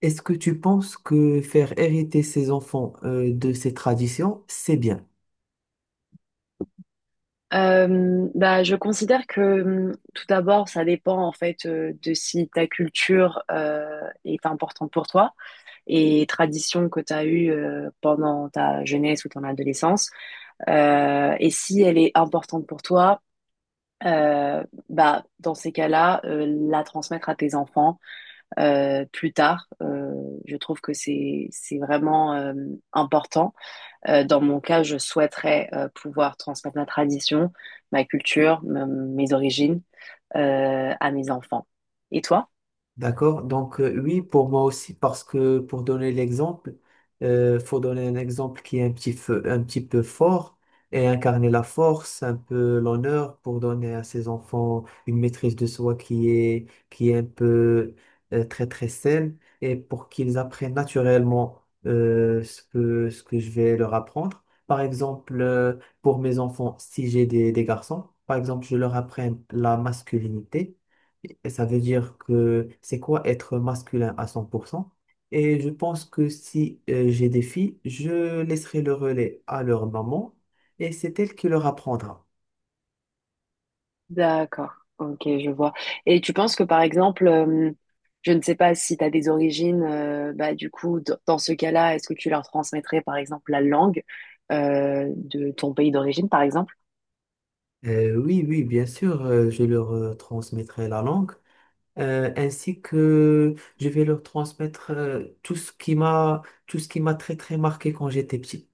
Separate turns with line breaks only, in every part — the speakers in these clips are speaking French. Est-ce que tu penses que faire hériter ses enfants de ces traditions, c'est bien?
Je considère que tout d'abord, ça dépend en fait de si ta culture est importante pour toi et tradition que tu as eue pendant ta jeunesse ou ton adolescence. Et si elle est importante pour toi, euh, dans ces cas-là, la transmettre à tes enfants plus tard, je trouve que c'est vraiment important. Dans mon cas, je souhaiterais pouvoir transmettre ma tradition, ma culture, mes origines à mes enfants. Et toi?
D'accord. Donc, oui, pour moi aussi, parce que pour donner l'exemple, faut donner un exemple qui est un petit peu fort et incarner la force, un peu l'honneur pour donner à ses enfants une maîtrise de soi qui est un peu très, très saine et pour qu'ils apprennent naturellement ce que je vais leur apprendre. Par exemple, pour mes enfants, si j'ai des garçons, par exemple, je leur apprends la masculinité et ça veut dire que c'est quoi être masculin à 100 pour cent. Et je pense que si j'ai des filles, je laisserai le relais à leur maman et c'est elle qui leur apprendra.
D'accord, ok, je vois. Et tu penses que par exemple, je ne sais pas si tu as des origines, du coup, dans ce cas-là, est-ce que tu leur transmettrais par exemple la langue de ton pays d'origine, par exemple?
Oui, oui, bien sûr, je leur transmettrai la langue ainsi que je vais leur transmettre tout ce qui m'a très très marqué quand j'étais petit.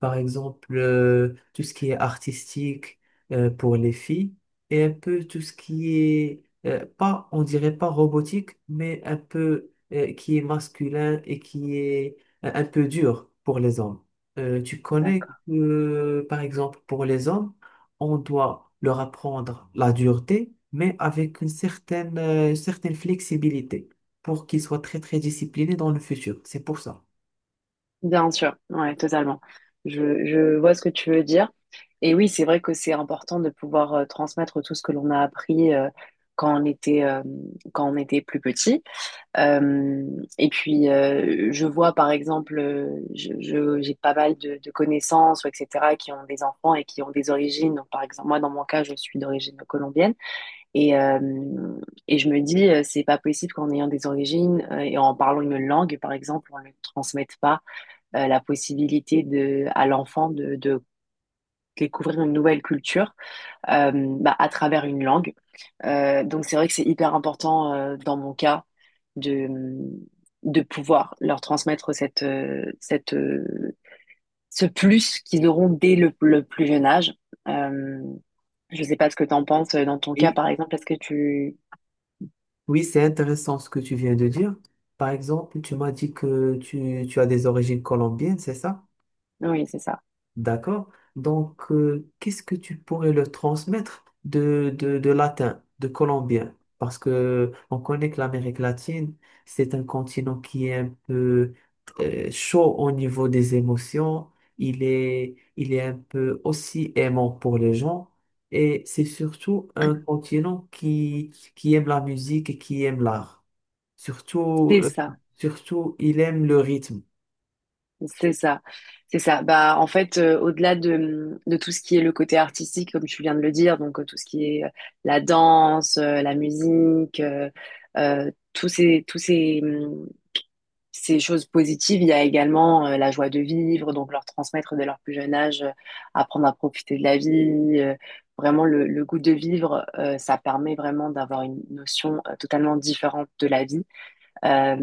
Par exemple, tout ce qui est artistique pour les filles et un peu tout ce qui est, pas, on dirait pas robotique, mais un peu qui est masculin et qui est un peu dur pour les hommes. Tu connais,
D'accord.
par exemple, pour les hommes, on doit leur apprendre la dureté, mais avec une certaine, certaine flexibilité pour qu'ils soient très, très disciplinés dans le futur. C'est pour ça.
Bien sûr, ouais, totalement. Je vois ce que tu veux dire. Et oui, c'est vrai que c'est important de pouvoir transmettre tout ce que l'on a appris quand on était, euh, quand on était plus petit. Euh, et puis, je vois par exemple, j'ai pas mal de connaissances, ou etc., qui ont des enfants et qui ont des origines. Donc, par exemple, moi, dans mon cas, je suis d'origine colombienne. Et, euh, et je me dis, c'est pas possible qu'en ayant des origines et en parlant une langue, par exemple, on ne le transmette pas la possibilité de, à l'enfant de découvrir une nouvelle culture euh, à travers une langue. Donc c'est vrai que c'est hyper important dans mon cas de, de pouvoir leur transmettre ce plus qu'ils auront dès le plus jeune âge. Euh, je sais pas ce que tu en penses dans ton cas,
Et
par exemple. Est-ce que tu...
oui, c'est intéressant ce que tu viens de dire. Par exemple, tu m'as dit que tu as des origines colombiennes, c'est ça?
Oui, c'est ça.
D'accord. Donc, qu'est-ce que tu pourrais le transmettre de latin, de colombien? Parce que on connaît que l'Amérique latine, c'est un continent qui est un peu chaud au niveau des émotions. Il est un peu aussi aimant pour les gens. Et c'est surtout un continent qui aime la musique et qui aime l'art. Surtout,
C'est
euh,
ça.
surtout, il aime le rythme.
C'est ça, c'est ça. Bah, en fait, au-delà de tout ce qui est le côté artistique, comme tu viens de le dire, donc tout ce qui est la danse, la musique, euh, tous ces, tous ces, hum, ces choses positives, il y a également la joie de vivre, donc leur transmettre dès leur plus jeune âge, apprendre à profiter de la vie. Vraiment, le goût de vivre, ça permet vraiment d'avoir une notion totalement différente de la vie euh,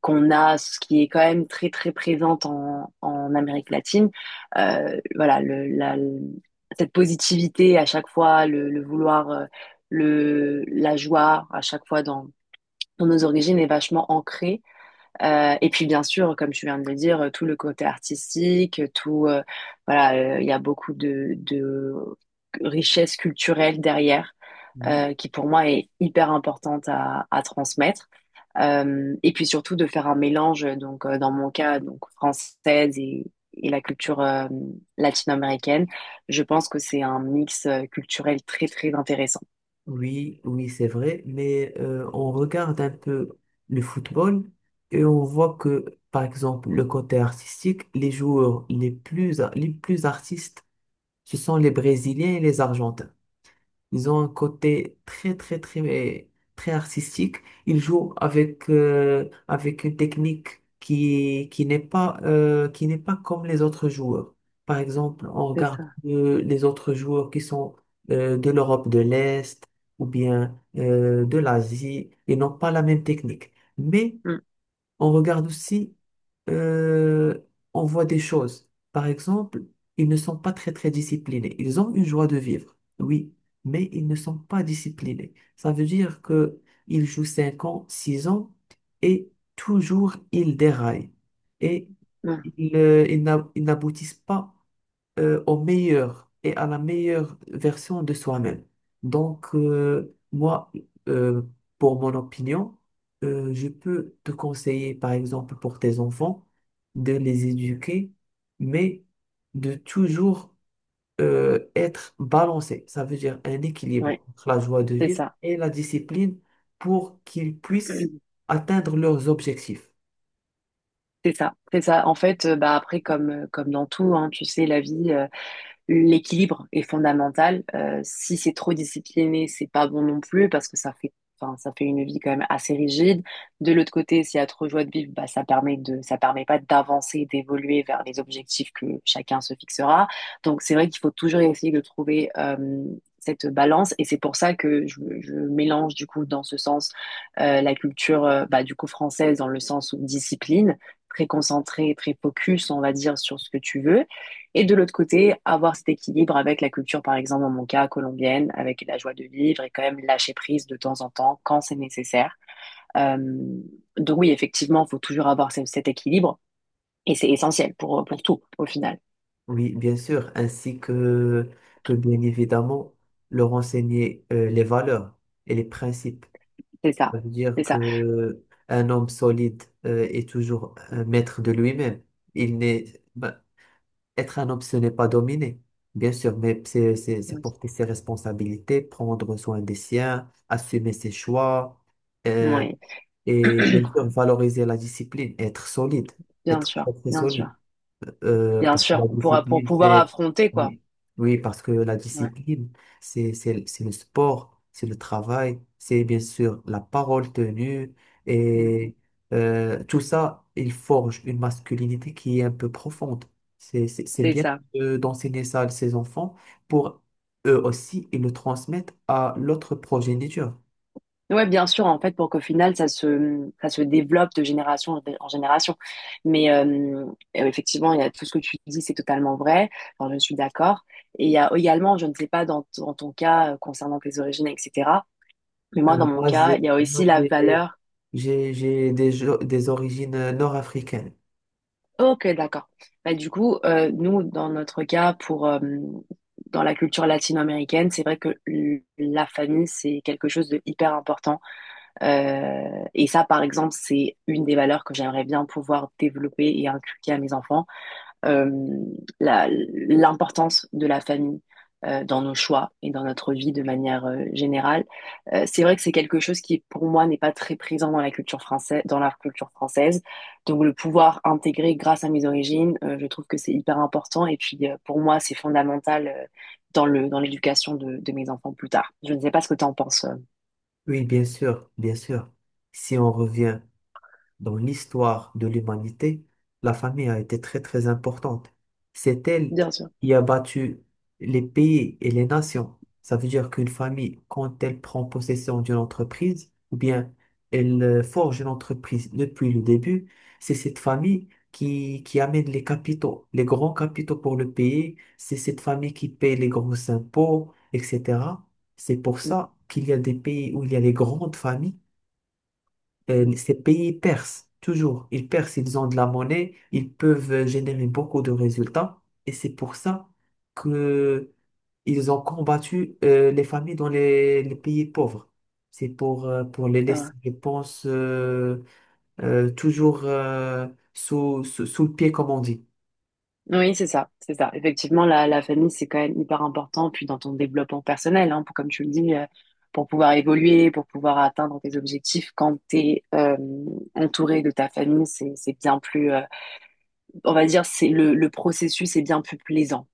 qu'on a, ce qui est quand même très très présente en, en Amérique latine. Voilà, cette positivité à chaque fois, le vouloir, la joie à chaque fois dans nos origines est vachement ancrée. Et puis bien sûr, comme tu viens de le dire, tout le côté artistique, voilà, il y a beaucoup de richesse culturelle derrière.
Oui.
Qui pour moi est hyper importante à transmettre. Et puis surtout de faire un mélange, donc dans mon cas, donc française et la culture latino-américaine. Je pense que c'est un mix culturel très très intéressant.
Oui, oui, c'est vrai, mais on regarde un peu le football et on voit que, par exemple, le côté artistique, les joueurs les plus artistes, ce sont les Brésiliens et les Argentins. Ils ont un côté très, très, très, très artistique. Ils jouent avec, avec une technique qui n'est pas, qui n'est pas comme les autres joueurs. Par exemple, on
C'est
regarde
ça.
les autres joueurs qui sont de l'Europe de l'Est ou bien de l'Asie. Ils n'ont pas la même technique. Mais
Mm,
on regarde aussi euh, on voit des choses. Par exemple, ils ne sont pas très très disciplinés. Ils ont une joie de vivre, oui, mais ils ne sont pas disciplinés. Ça veut dire que ils jouent 5 ans, 6 ans et toujours ils déraillent et
mm,
ils n'aboutissent pas au meilleur et à la meilleure version de soi-même. Donc, moi, euh, pour mon opinion, je peux te conseiller, par exemple, pour tes enfants, de les éduquer, mais de toujours être balancé. Ça veut dire un
ouais,
équilibre entre la joie de
c'est
vivre
ça.
et la discipline pour qu'ils puissent atteindre leurs objectifs.
C'est ça, c'est ça. En fait, bah après, comme, comme dans tout, hein, tu sais, la vie, l'équilibre est fondamental. Si c'est trop discipliné, c'est pas bon non plus parce que ça fait, enfin, ça fait une vie quand même assez rigide. De l'autre côté, s'il y a trop joie de vivre, bah, ça permet de, ça permet pas d'avancer, d'évoluer vers les objectifs que chacun se fixera. Donc, c'est vrai qu'il faut toujours essayer de trouver cette balance et c'est pour ça que je mélange du coup dans ce sens la culture du coup française dans le sens où discipline très concentré, très focus, on va dire, sur ce que tu veux, et de l'autre côté, avoir cet équilibre avec la culture, par exemple, dans mon cas, colombienne, avec la joie de vivre et quand même lâcher prise de temps en temps quand c'est nécessaire. Euh, donc oui, effectivement, il faut toujours avoir cet équilibre et c'est essentiel pour tout, au final.
Oui, bien sûr, ainsi que bien évidemment leur enseigner les valeurs et les principes.
C'est ça,
Ça veut dire
c'est ça.
que un homme solide est toujours un maître de lui-même. Il n'est, ben, être un homme, ce n'est pas dominer, bien sûr, mais c'est porter ses responsabilités, prendre soin des siens, assumer ses choix euh,
Oui,
et bien sûr valoriser la discipline, être solide,
bien
être
sûr,
très, très
bien sûr,
solide.
bien
Parce que
sûr,
la
pour
discipline,
pouvoir
c'est...
affronter, quoi.
Oui, oui, parce que la
Ouais,
discipline, c'est le sport, c'est le travail, c'est bien sûr la parole tenue. Et tout ça, il forge une masculinité qui est un peu profonde. C'est
c'est
bien
ça.
d'enseigner ça à ses enfants pour eux aussi, ils le transmettent à l'autre progéniture.
Ouais, bien sûr, en fait, pour qu'au final, ça se développe de génération en génération. Mais effectivement, il y a tout ce que tu dis, c'est totalement vrai. Enfin, je suis d'accord. Et il y a également, je ne sais pas dans ton cas concernant tes origines, etc. Mais moi, dans mon
Moi,
cas,
j'ai
il y a
moi,
aussi la
j'ai-
valeur.
j'ai- j'ai des, des origines nord-africaines.
Ok, d'accord. Bah, du coup, nous, dans notre cas, pour, dans la culture latino-américaine, c'est vrai que la famille, c'est quelque chose de hyper important. Et ça, par exemple, c'est une des valeurs que j'aimerais bien pouvoir développer et inculquer à mes enfants, euh, l'importance de la famille dans nos choix et dans notre vie de manière générale. C'est vrai que c'est quelque chose qui, pour moi, n'est pas très présent dans la culture française, dans la culture française. Donc, le pouvoir intégrer grâce à mes origines, je trouve que c'est hyper important. Et puis, pour moi, c'est fondamental dans le, dans l'éducation de mes enfants plus tard. Je ne sais pas ce que tu en penses.
Oui, bien sûr, bien sûr. Si on revient, dans l'histoire de l'humanité, la famille a été très très importante. C'est elle
Bien sûr.
qui a battu les pays et les nations. Ça veut dire qu'une famille, quand elle prend possession d'une entreprise, ou bien elle forge une entreprise depuis le début, c'est cette famille qui amène les capitaux, les grands capitaux pour le pays, c'est cette famille qui paye les gros impôts, etc. C'est pour
Mm,
ça qu'il y a des pays où il y a les grandes familles,
ouais,
ces pays percent, toujours. Ils percent, ils ont de la monnaie, ils peuvent générer beaucoup de résultats. Et c'est pour ça que ils ont combattu les familles dans les pays pauvres. C'est pour les
c'est vrai.
laisser, je pense, toujours sous le pied, comme on dit.
Oui, c'est ça, c'est ça. Effectivement, la famille, c'est quand même hyper important, puis dans ton développement personnel, hein, pour, comme tu le dis, pour pouvoir évoluer, pour pouvoir atteindre tes objectifs, quand t'es es entouré de ta famille, c'est bien plus, on va dire, c'est le processus est bien plus plaisant,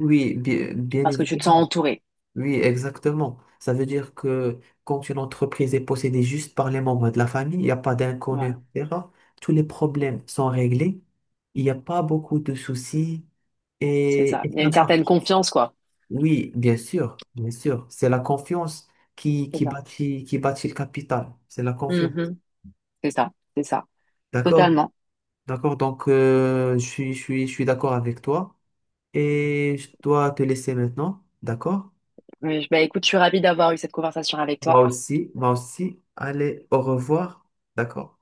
Oui, bien, bien
parce que tu te
évidemment.
sens entouré.
Oui, exactement. Ça veut dire que quand une entreprise est possédée juste par les membres de la famille, il n'y a pas d'inconnus,
Voilà,
etc., tous les problèmes sont réglés, il n'y a pas beaucoup de soucis
c'est ça.
et
Il y a
ça
une certaine
marche.
confiance, quoi.
Oui, bien sûr, bien sûr. C'est la confiance qui,
C'est
qui
ça.
bâtit, qui bâtit le capital. C'est la confiance.
Mhm. C'est ça, c'est ça.
D'accord.
Totalement.
D'accord. Donc, je suis d'accord avec toi et je dois te laisser maintenant. D'accord?
Oui, bah, écoute, je suis ravie d'avoir eu cette conversation avec
Moi
toi.
aussi, moi aussi. Allez, au revoir. D'accord?